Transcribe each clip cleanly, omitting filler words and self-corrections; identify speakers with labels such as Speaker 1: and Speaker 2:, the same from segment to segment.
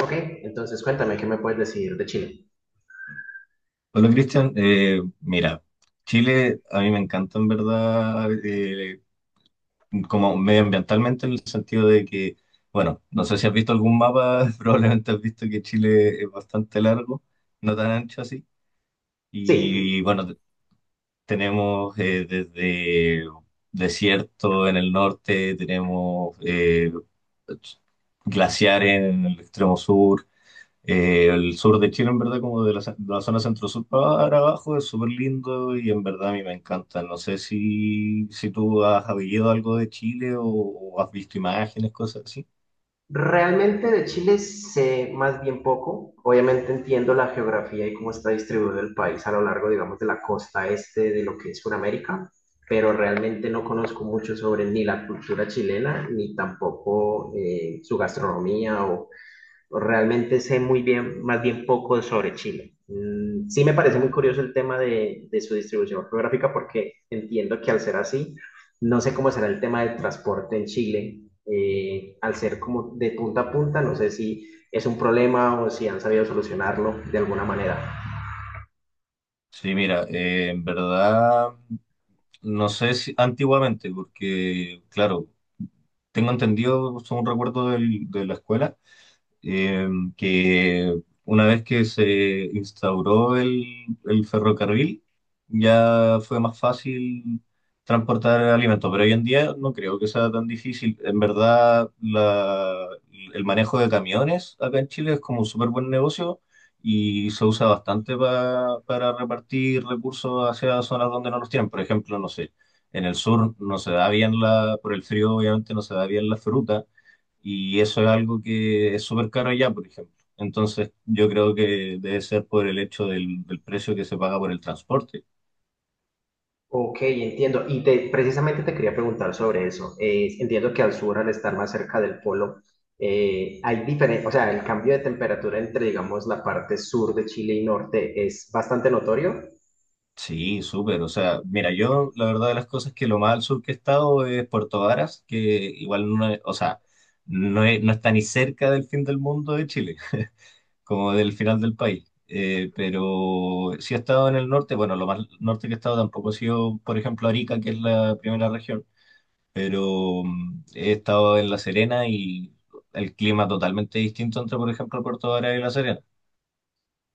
Speaker 1: Ok, entonces cuéntame, ¿qué me puedes decir de Chile?
Speaker 2: Hola Cristian. Mira, Chile a mí me encanta en verdad, como medioambientalmente, en el sentido de que, bueno, no sé si has visto algún mapa. Probablemente has visto que Chile es bastante largo, no tan ancho así, y
Speaker 1: Sí,
Speaker 2: bueno, tenemos, desde desierto en el norte, tenemos glaciares en el extremo sur. El sur de Chile, en verdad, como de de la zona centro-sur para abajo, es súper lindo y en verdad a mí me encanta. No sé si tú has habido algo de Chile o has visto imágenes, cosas así.
Speaker 1: realmente de Chile sé más bien poco. Obviamente entiendo la geografía y cómo está distribuido el país a lo largo, digamos, de la costa este de lo que es Sudamérica, pero realmente no conozco mucho sobre ni la cultura chilena, ni tampoco su gastronomía o realmente sé muy bien, más bien poco sobre Chile. Sí me parece muy curioso el tema de su distribución geográfica porque entiendo que al ser así, no sé cómo será el tema del transporte en Chile, al ser como de punta a punta, no sé si es un problema o si han sabido solucionarlo de alguna manera.
Speaker 2: Sí, mira, en verdad, no sé si antiguamente, porque, claro, tengo entendido, son un recuerdo de la escuela. eh, que una vez que se instauró el ferrocarril, ya fue más fácil transportar alimentos, pero hoy en día no creo que sea tan difícil. En verdad, el manejo de camiones acá en Chile es como un súper buen negocio y se usa bastante para repartir recursos hacia zonas donde no los tienen. Por ejemplo, no sé, en el sur no se da bien la, por el frío obviamente no se da bien la fruta, y eso es algo que es súper caro allá, por ejemplo. Entonces, yo creo que debe ser por el hecho del precio que se paga por el transporte.
Speaker 1: Ok, entiendo. Precisamente te quería preguntar sobre eso. Entiendo que al sur, al estar más cerca del polo, hay diferencia, o sea, el cambio de temperatura entre, digamos, la parte sur de Chile y norte es bastante notorio.
Speaker 2: Sí, súper. O sea, mira, yo la verdad de las cosas es que lo más al sur que he estado es Puerto Varas, que igual o sea, no está ni cerca del fin del mundo de Chile, como del final del país. Pero sí he estado en el norte. Bueno, lo más norte que he estado tampoco ha sido, por ejemplo, Arica, que es la primera región, pero mm, he estado en La Serena, y el clima totalmente distinto entre, por ejemplo, Puerto Varas y La Serena.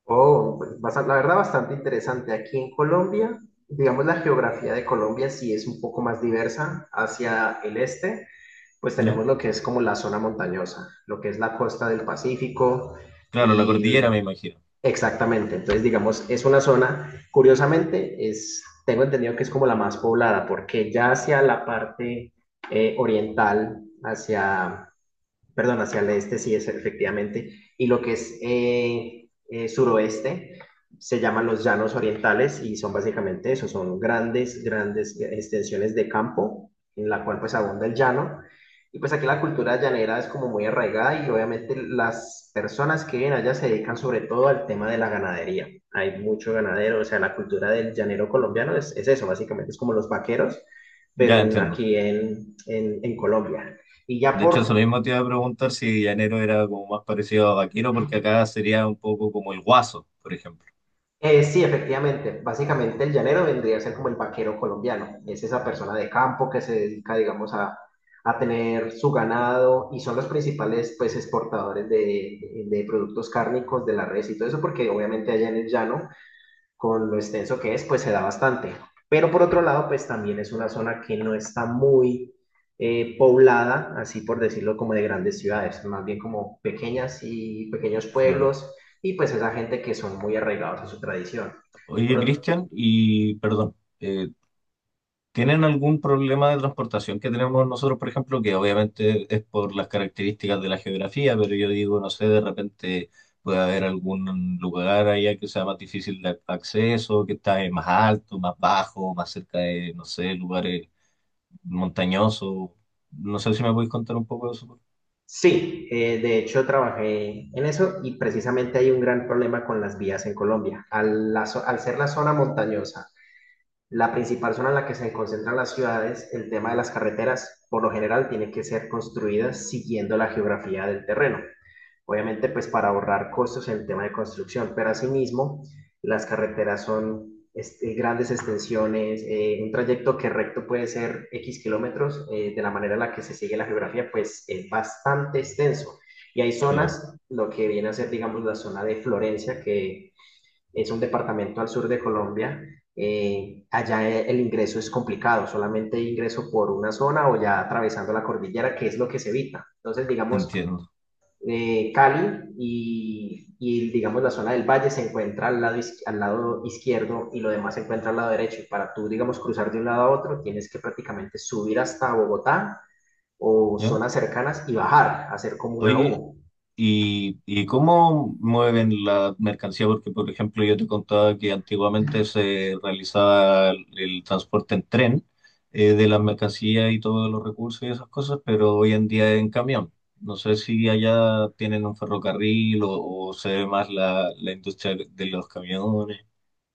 Speaker 1: La verdad, bastante interesante. Aquí en Colombia, digamos, la geografía de Colombia sí es un poco más diversa. Hacia el este, pues
Speaker 2: ¿Ya?
Speaker 1: tenemos lo que es como la zona montañosa, lo que es la costa del Pacífico
Speaker 2: Claro, la
Speaker 1: y
Speaker 2: cordillera, me imagino.
Speaker 1: exactamente, entonces digamos, es una zona, curiosamente, es, tengo entendido que es como la más poblada, porque ya hacia la parte oriental, hacia perdón, hacia el este sí es efectivamente, y lo que es suroeste se llaman los llanos orientales y son básicamente eso, son grandes, grandes extensiones de campo en la cual pues abunda el llano. Y pues aquí la cultura llanera es como muy arraigada y obviamente las personas que viven allá se dedican sobre todo al tema de la ganadería. Hay mucho ganadero, o sea, la cultura del llanero colombiano es eso, básicamente es como los vaqueros, pero
Speaker 2: Ya
Speaker 1: en,
Speaker 2: entiendo.
Speaker 1: aquí en, en, en Colombia. Y ya
Speaker 2: De hecho, eso
Speaker 1: por
Speaker 2: mismo te iba a preguntar, si llanero era como más parecido a vaquero, porque acá sería un poco como el guaso, por ejemplo.
Speaker 1: Sí, efectivamente. Básicamente el llanero vendría a ser como el vaquero colombiano. Es esa persona de campo que se dedica, digamos, a tener su ganado y son los principales, pues, exportadores de productos cárnicos de la res y todo eso, porque obviamente allá en el llano con lo extenso que es, pues se da bastante. Pero por otro lado, pues también es una zona que no está muy poblada, así por decirlo, como de grandes ciudades, más bien como pequeñas y pequeños
Speaker 2: Claro.
Speaker 1: pueblos, y pues esa gente que son muy arraigados a su tradición.
Speaker 2: Oye,
Speaker 1: Por,
Speaker 2: Cristian, y perdón, eh, ¿tienen algún problema de transportación que tenemos nosotros, por ejemplo, que obviamente es por las características de la geografía? Pero yo digo, no sé, de repente puede haber algún lugar allá que sea más difícil de acceso, que está más alto, más bajo, más cerca de, no sé, lugares montañosos. No sé si me podéis contar un poco de eso.
Speaker 1: sí, de hecho trabajé en eso y precisamente hay un gran problema con las vías en Colombia. Al ser la zona montañosa la principal zona en la que se concentran las ciudades, el tema de las carreteras, por lo general, tienen que ser construidas siguiendo la geografía del terreno. Obviamente, pues para ahorrar costos en el tema de construcción, pero asimismo, las carreteras son este, grandes extensiones, un trayecto que recto puede ser X kilómetros, de la manera en la que se sigue la geografía, pues es bastante extenso. Y hay
Speaker 2: Claro,
Speaker 1: zonas, lo que viene a ser, digamos, la zona de Florencia, que es un departamento al sur de Colombia. Allá el ingreso es complicado, solamente ingreso por una zona o ya atravesando la cordillera, que es lo que se evita. Entonces, digamos,
Speaker 2: entiendo.
Speaker 1: Cali y, digamos, la zona del valle se encuentra al lado izquierdo y lo demás se encuentra al lado derecho. Y para tú, digamos, cruzar de un lado a otro, tienes que prácticamente subir hasta Bogotá o
Speaker 2: ¿Ya?
Speaker 1: zonas cercanas y bajar, hacer como una
Speaker 2: Oye,
Speaker 1: U.
Speaker 2: ¿y, y cómo mueven la mercancía? Porque, por ejemplo, yo te contaba que antiguamente se realizaba el transporte en tren, de las mercancías y todos los recursos y esas cosas, pero hoy en día en camión. No sé si allá tienen un ferrocarril, o se ve más la industria de los camiones.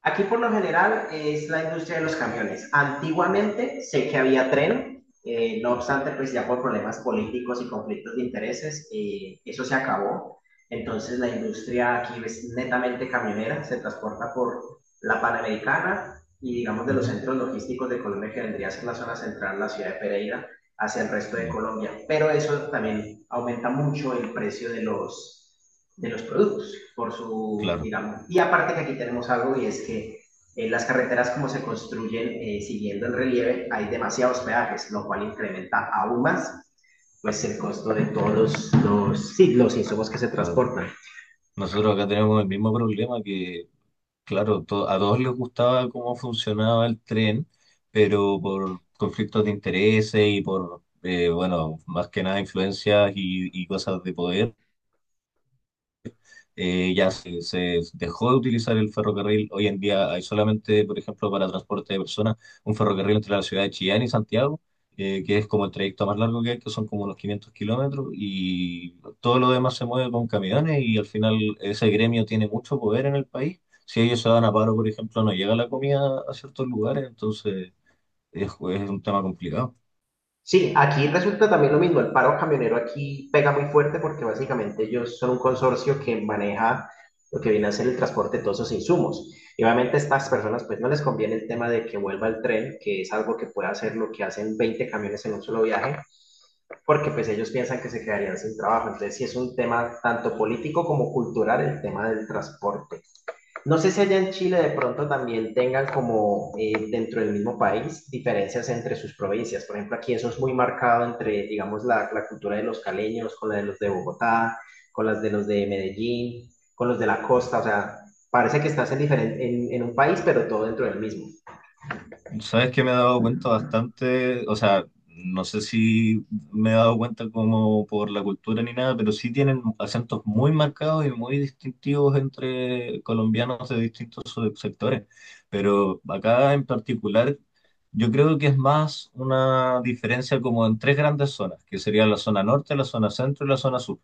Speaker 1: Aquí por lo general es la industria de los camiones. Antiguamente sé que había tren, no obstante, pues ya por problemas políticos y conflictos de intereses, eso se acabó. Entonces la industria aquí es netamente camionera, se transporta por la Panamericana y digamos de los
Speaker 2: Ujú.
Speaker 1: centros logísticos de Colombia que vendría a ser la zona central, la ciudad de Pereira, hacia el resto de
Speaker 2: No,
Speaker 1: Colombia. Pero eso también aumenta mucho el precio de los productos, por su,
Speaker 2: claro,
Speaker 1: digamos. Y aparte que aquí tenemos algo y es que las carreteras como se construyen siguiendo el relieve, hay demasiados peajes, lo cual incrementa aún más pues el costo de todos los, sí, los insumos que se
Speaker 2: claro.
Speaker 1: transportan.
Speaker 2: Nosotros acá tenemos el mismo problema que claro, a todos les gustaba cómo funcionaba el tren, pero por conflictos de intereses y por, bueno, más que nada influencias y cosas de poder, ya se dejó de utilizar el ferrocarril. Hoy en día hay solamente, por ejemplo, para transporte de personas, un ferrocarril entre la ciudad de Chillán y Santiago, que es como el trayecto más largo que hay, que son como unos 500 kilómetros, y todo lo demás se mueve con camiones, y al final ese gremio tiene mucho poder en el país. Si ellos se van a paro, por ejemplo, no llega la comida a ciertos lugares, entonces es un tema complicado.
Speaker 1: Sí, aquí resulta también lo mismo. El paro camionero aquí pega muy fuerte porque básicamente ellos son un consorcio que maneja lo que viene a ser el transporte de todos esos insumos. Y obviamente a estas personas pues no les conviene el tema de que vuelva el tren, que es algo que puede hacer lo que hacen 20 camiones en un solo viaje, porque pues ellos piensan que se quedarían sin trabajo. Entonces sí es un tema tanto político como cultural el tema del transporte. No sé si allá en Chile de pronto también tengan como dentro del mismo país diferencias entre sus provincias. Por ejemplo, aquí eso es muy marcado entre, digamos, la cultura de los caleños con la de los de Bogotá, con las de los de Medellín, con los de la costa. O sea, parece que estás diferen- en un país, pero todo dentro del mismo.
Speaker 2: Sabes que me he dado cuenta bastante, o sea, no sé si me he dado cuenta como por la cultura ni nada, pero sí tienen acentos muy marcados y muy distintivos entre colombianos de distintos sectores. Pero acá en particular, yo creo que es más una diferencia como en tres grandes zonas, que sería la zona norte, la zona centro y la zona sur.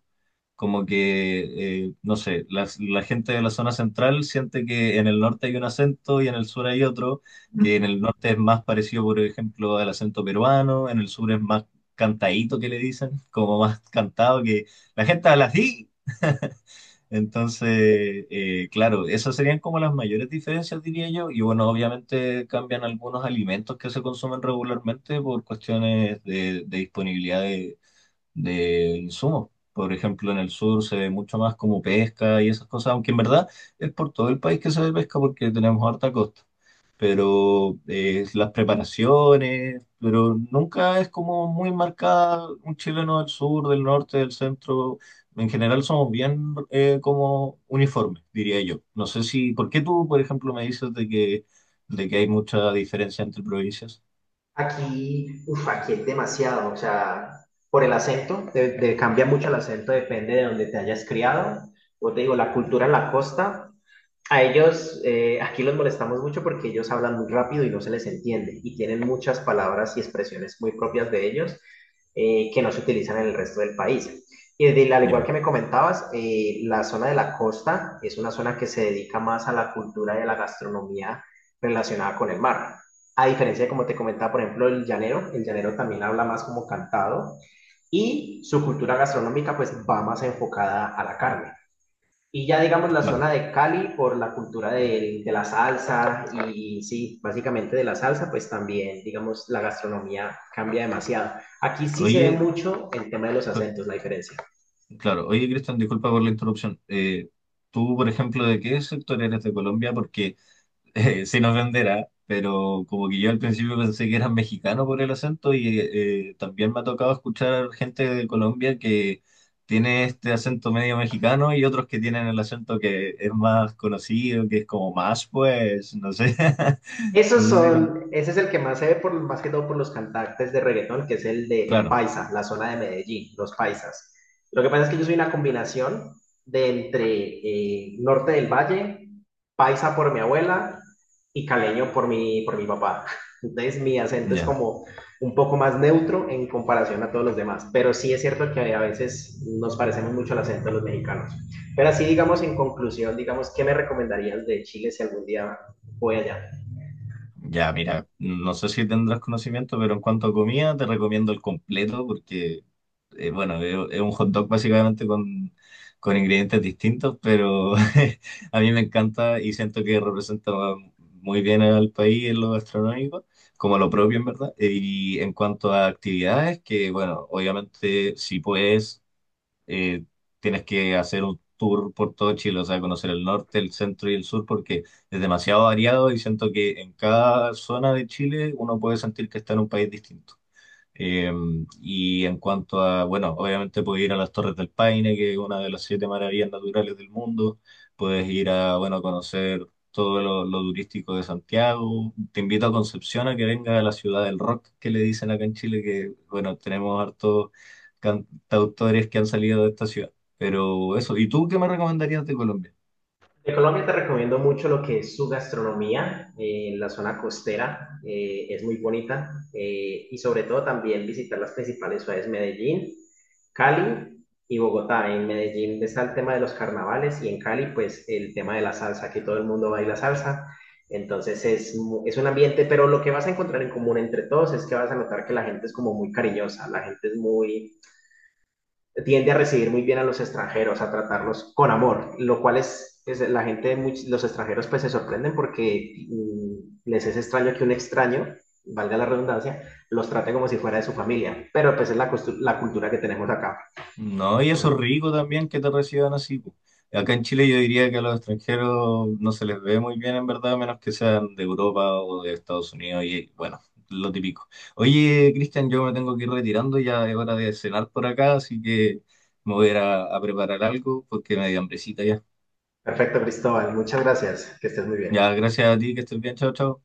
Speaker 2: Como que, no sé, la gente de la zona central siente que en el norte hay un acento y en el sur hay otro, que en el norte es más parecido, por ejemplo, al acento peruano, en el sur es más cantadito, que le dicen, como más cantado, que la gente habla así. Entonces, claro, esas serían como las mayores diferencias, diría yo. Y bueno, obviamente cambian algunos alimentos que se consumen regularmente por cuestiones de disponibilidad de insumos. Por ejemplo, en el sur se ve mucho más como pesca y esas cosas, aunque en verdad es por todo el país que se ve pesca, porque tenemos harta costa. Pero las preparaciones, pero nunca es como muy marcada un chileno del sur, del norte, del centro. En general somos bien como uniformes, diría yo. No sé si, ¿por qué tú, por ejemplo, me dices de que hay mucha diferencia entre provincias?
Speaker 1: Aquí, uf, aquí es demasiado, o sea, por el acento, cambia mucho el acento, depende de donde te hayas criado. Yo te digo, la cultura en la costa a ellos, aquí los molestamos mucho porque ellos hablan muy rápido y no se les entiende y tienen muchas palabras y expresiones muy propias de ellos que no se utilizan en el resto del país. Al igual
Speaker 2: Ya,
Speaker 1: que me comentabas, la zona de la costa es una zona que se dedica más a la cultura y a la gastronomía relacionada con el mar. A diferencia de como te comentaba, por ejemplo, el llanero también habla más como cantado y su cultura gastronómica pues va más enfocada a la carne. Y ya digamos la
Speaker 2: claro.
Speaker 1: zona de Cali por la cultura de la salsa y sí, básicamente de la salsa, pues también digamos la gastronomía cambia demasiado. Aquí sí se ve
Speaker 2: Oye,
Speaker 1: mucho el tema de los acentos, la diferencia.
Speaker 2: claro, oye, Cristian, disculpa por la interrupción. Tú, por ejemplo, ¿de qué sector eres de Colombia? Porque sin ofender, ¿ah? Pero como que yo al principio pensé que eras mexicano por el acento, y también me ha tocado escuchar gente de Colombia que tiene este acento medio mexicano y otros que tienen el acento que es más conocido, que es como más, pues, no sé,
Speaker 1: Esos
Speaker 2: no sé si... me-
Speaker 1: son, ese es el que más se ve por, más que todo por los cantantes de reggaetón, que es el de el
Speaker 2: Claro,
Speaker 1: Paisa, la zona de Medellín, los paisas. Lo que pasa es que yo soy una combinación de entre Norte del Valle, Paisa por mi abuela y caleño por mi papá. Entonces mi acento es
Speaker 2: ya.
Speaker 1: como un poco más neutro en comparación a todos los demás, pero sí es cierto que a veces nos parecemos mucho al acento de los mexicanos. Pero así digamos en conclusión, digamos, ¿qué me recomendarías de Chile si algún día voy allá?
Speaker 2: Ya, mira, no sé si tendrás conocimiento, pero en cuanto a comida, te recomiendo el completo, porque bueno, es un hot dog básicamente, con ingredientes distintos, pero a mí me encanta y siento que representa muy bien al país en lo gastronómico, como lo propio en verdad. Y en cuanto a actividades, que bueno, obviamente si puedes, eh, tienes que hacer un tour por todo Chile, o sea, conocer el norte, el centro y el sur, porque es demasiado variado y siento que en cada zona de Chile uno puede sentir que está en un país distinto. Eh, y en cuanto a, bueno, obviamente puedes ir a las Torres del Paine, que es una de las 7 maravillas naturales del mundo. Puedes ir a, bueno, conocer todo lo turístico de Santiago. Te invito a Concepción, a que venga a la ciudad del rock, que le dicen acá en Chile, que, bueno, tenemos hartos cantautores que han salido de esta ciudad. Pero eso, ¿y tú qué me recomendarías de Colombia?
Speaker 1: De Colombia te recomiendo mucho lo que es su gastronomía, la zona costera es muy bonita y sobre todo también visitar las principales ciudades, Medellín, Cali y Bogotá. En Medellín está el tema de los carnavales y en Cali pues el tema de la salsa, que todo el mundo baila salsa. Entonces es, mu- es un ambiente, pero lo que vas a encontrar en común entre todos es que vas a notar que la gente es como muy cariñosa, la gente es muy tiende a recibir muy bien a los extranjeros, a tratarlos con amor, lo cual es la gente, muy, los extranjeros pues se sorprenden porque les es extraño que un extraño, valga la redundancia, los trate como si fuera de su familia, pero pues es la, la cultura que tenemos acá.
Speaker 2: No, y eso es rico también, que te reciban así, po. Acá en Chile yo diría que a los extranjeros no se les ve muy bien, en verdad, a menos que sean de Europa o de Estados Unidos, y bueno, lo típico. Oye, Cristian, yo me tengo que ir retirando, ya es hora de cenar por acá, así que me voy a ir a preparar algo porque me dio hambrecita ya.
Speaker 1: Perfecto, Cristóbal, muchas gracias, que estés muy bien.
Speaker 2: Ya, gracias a ti, que estés bien, chao, chao.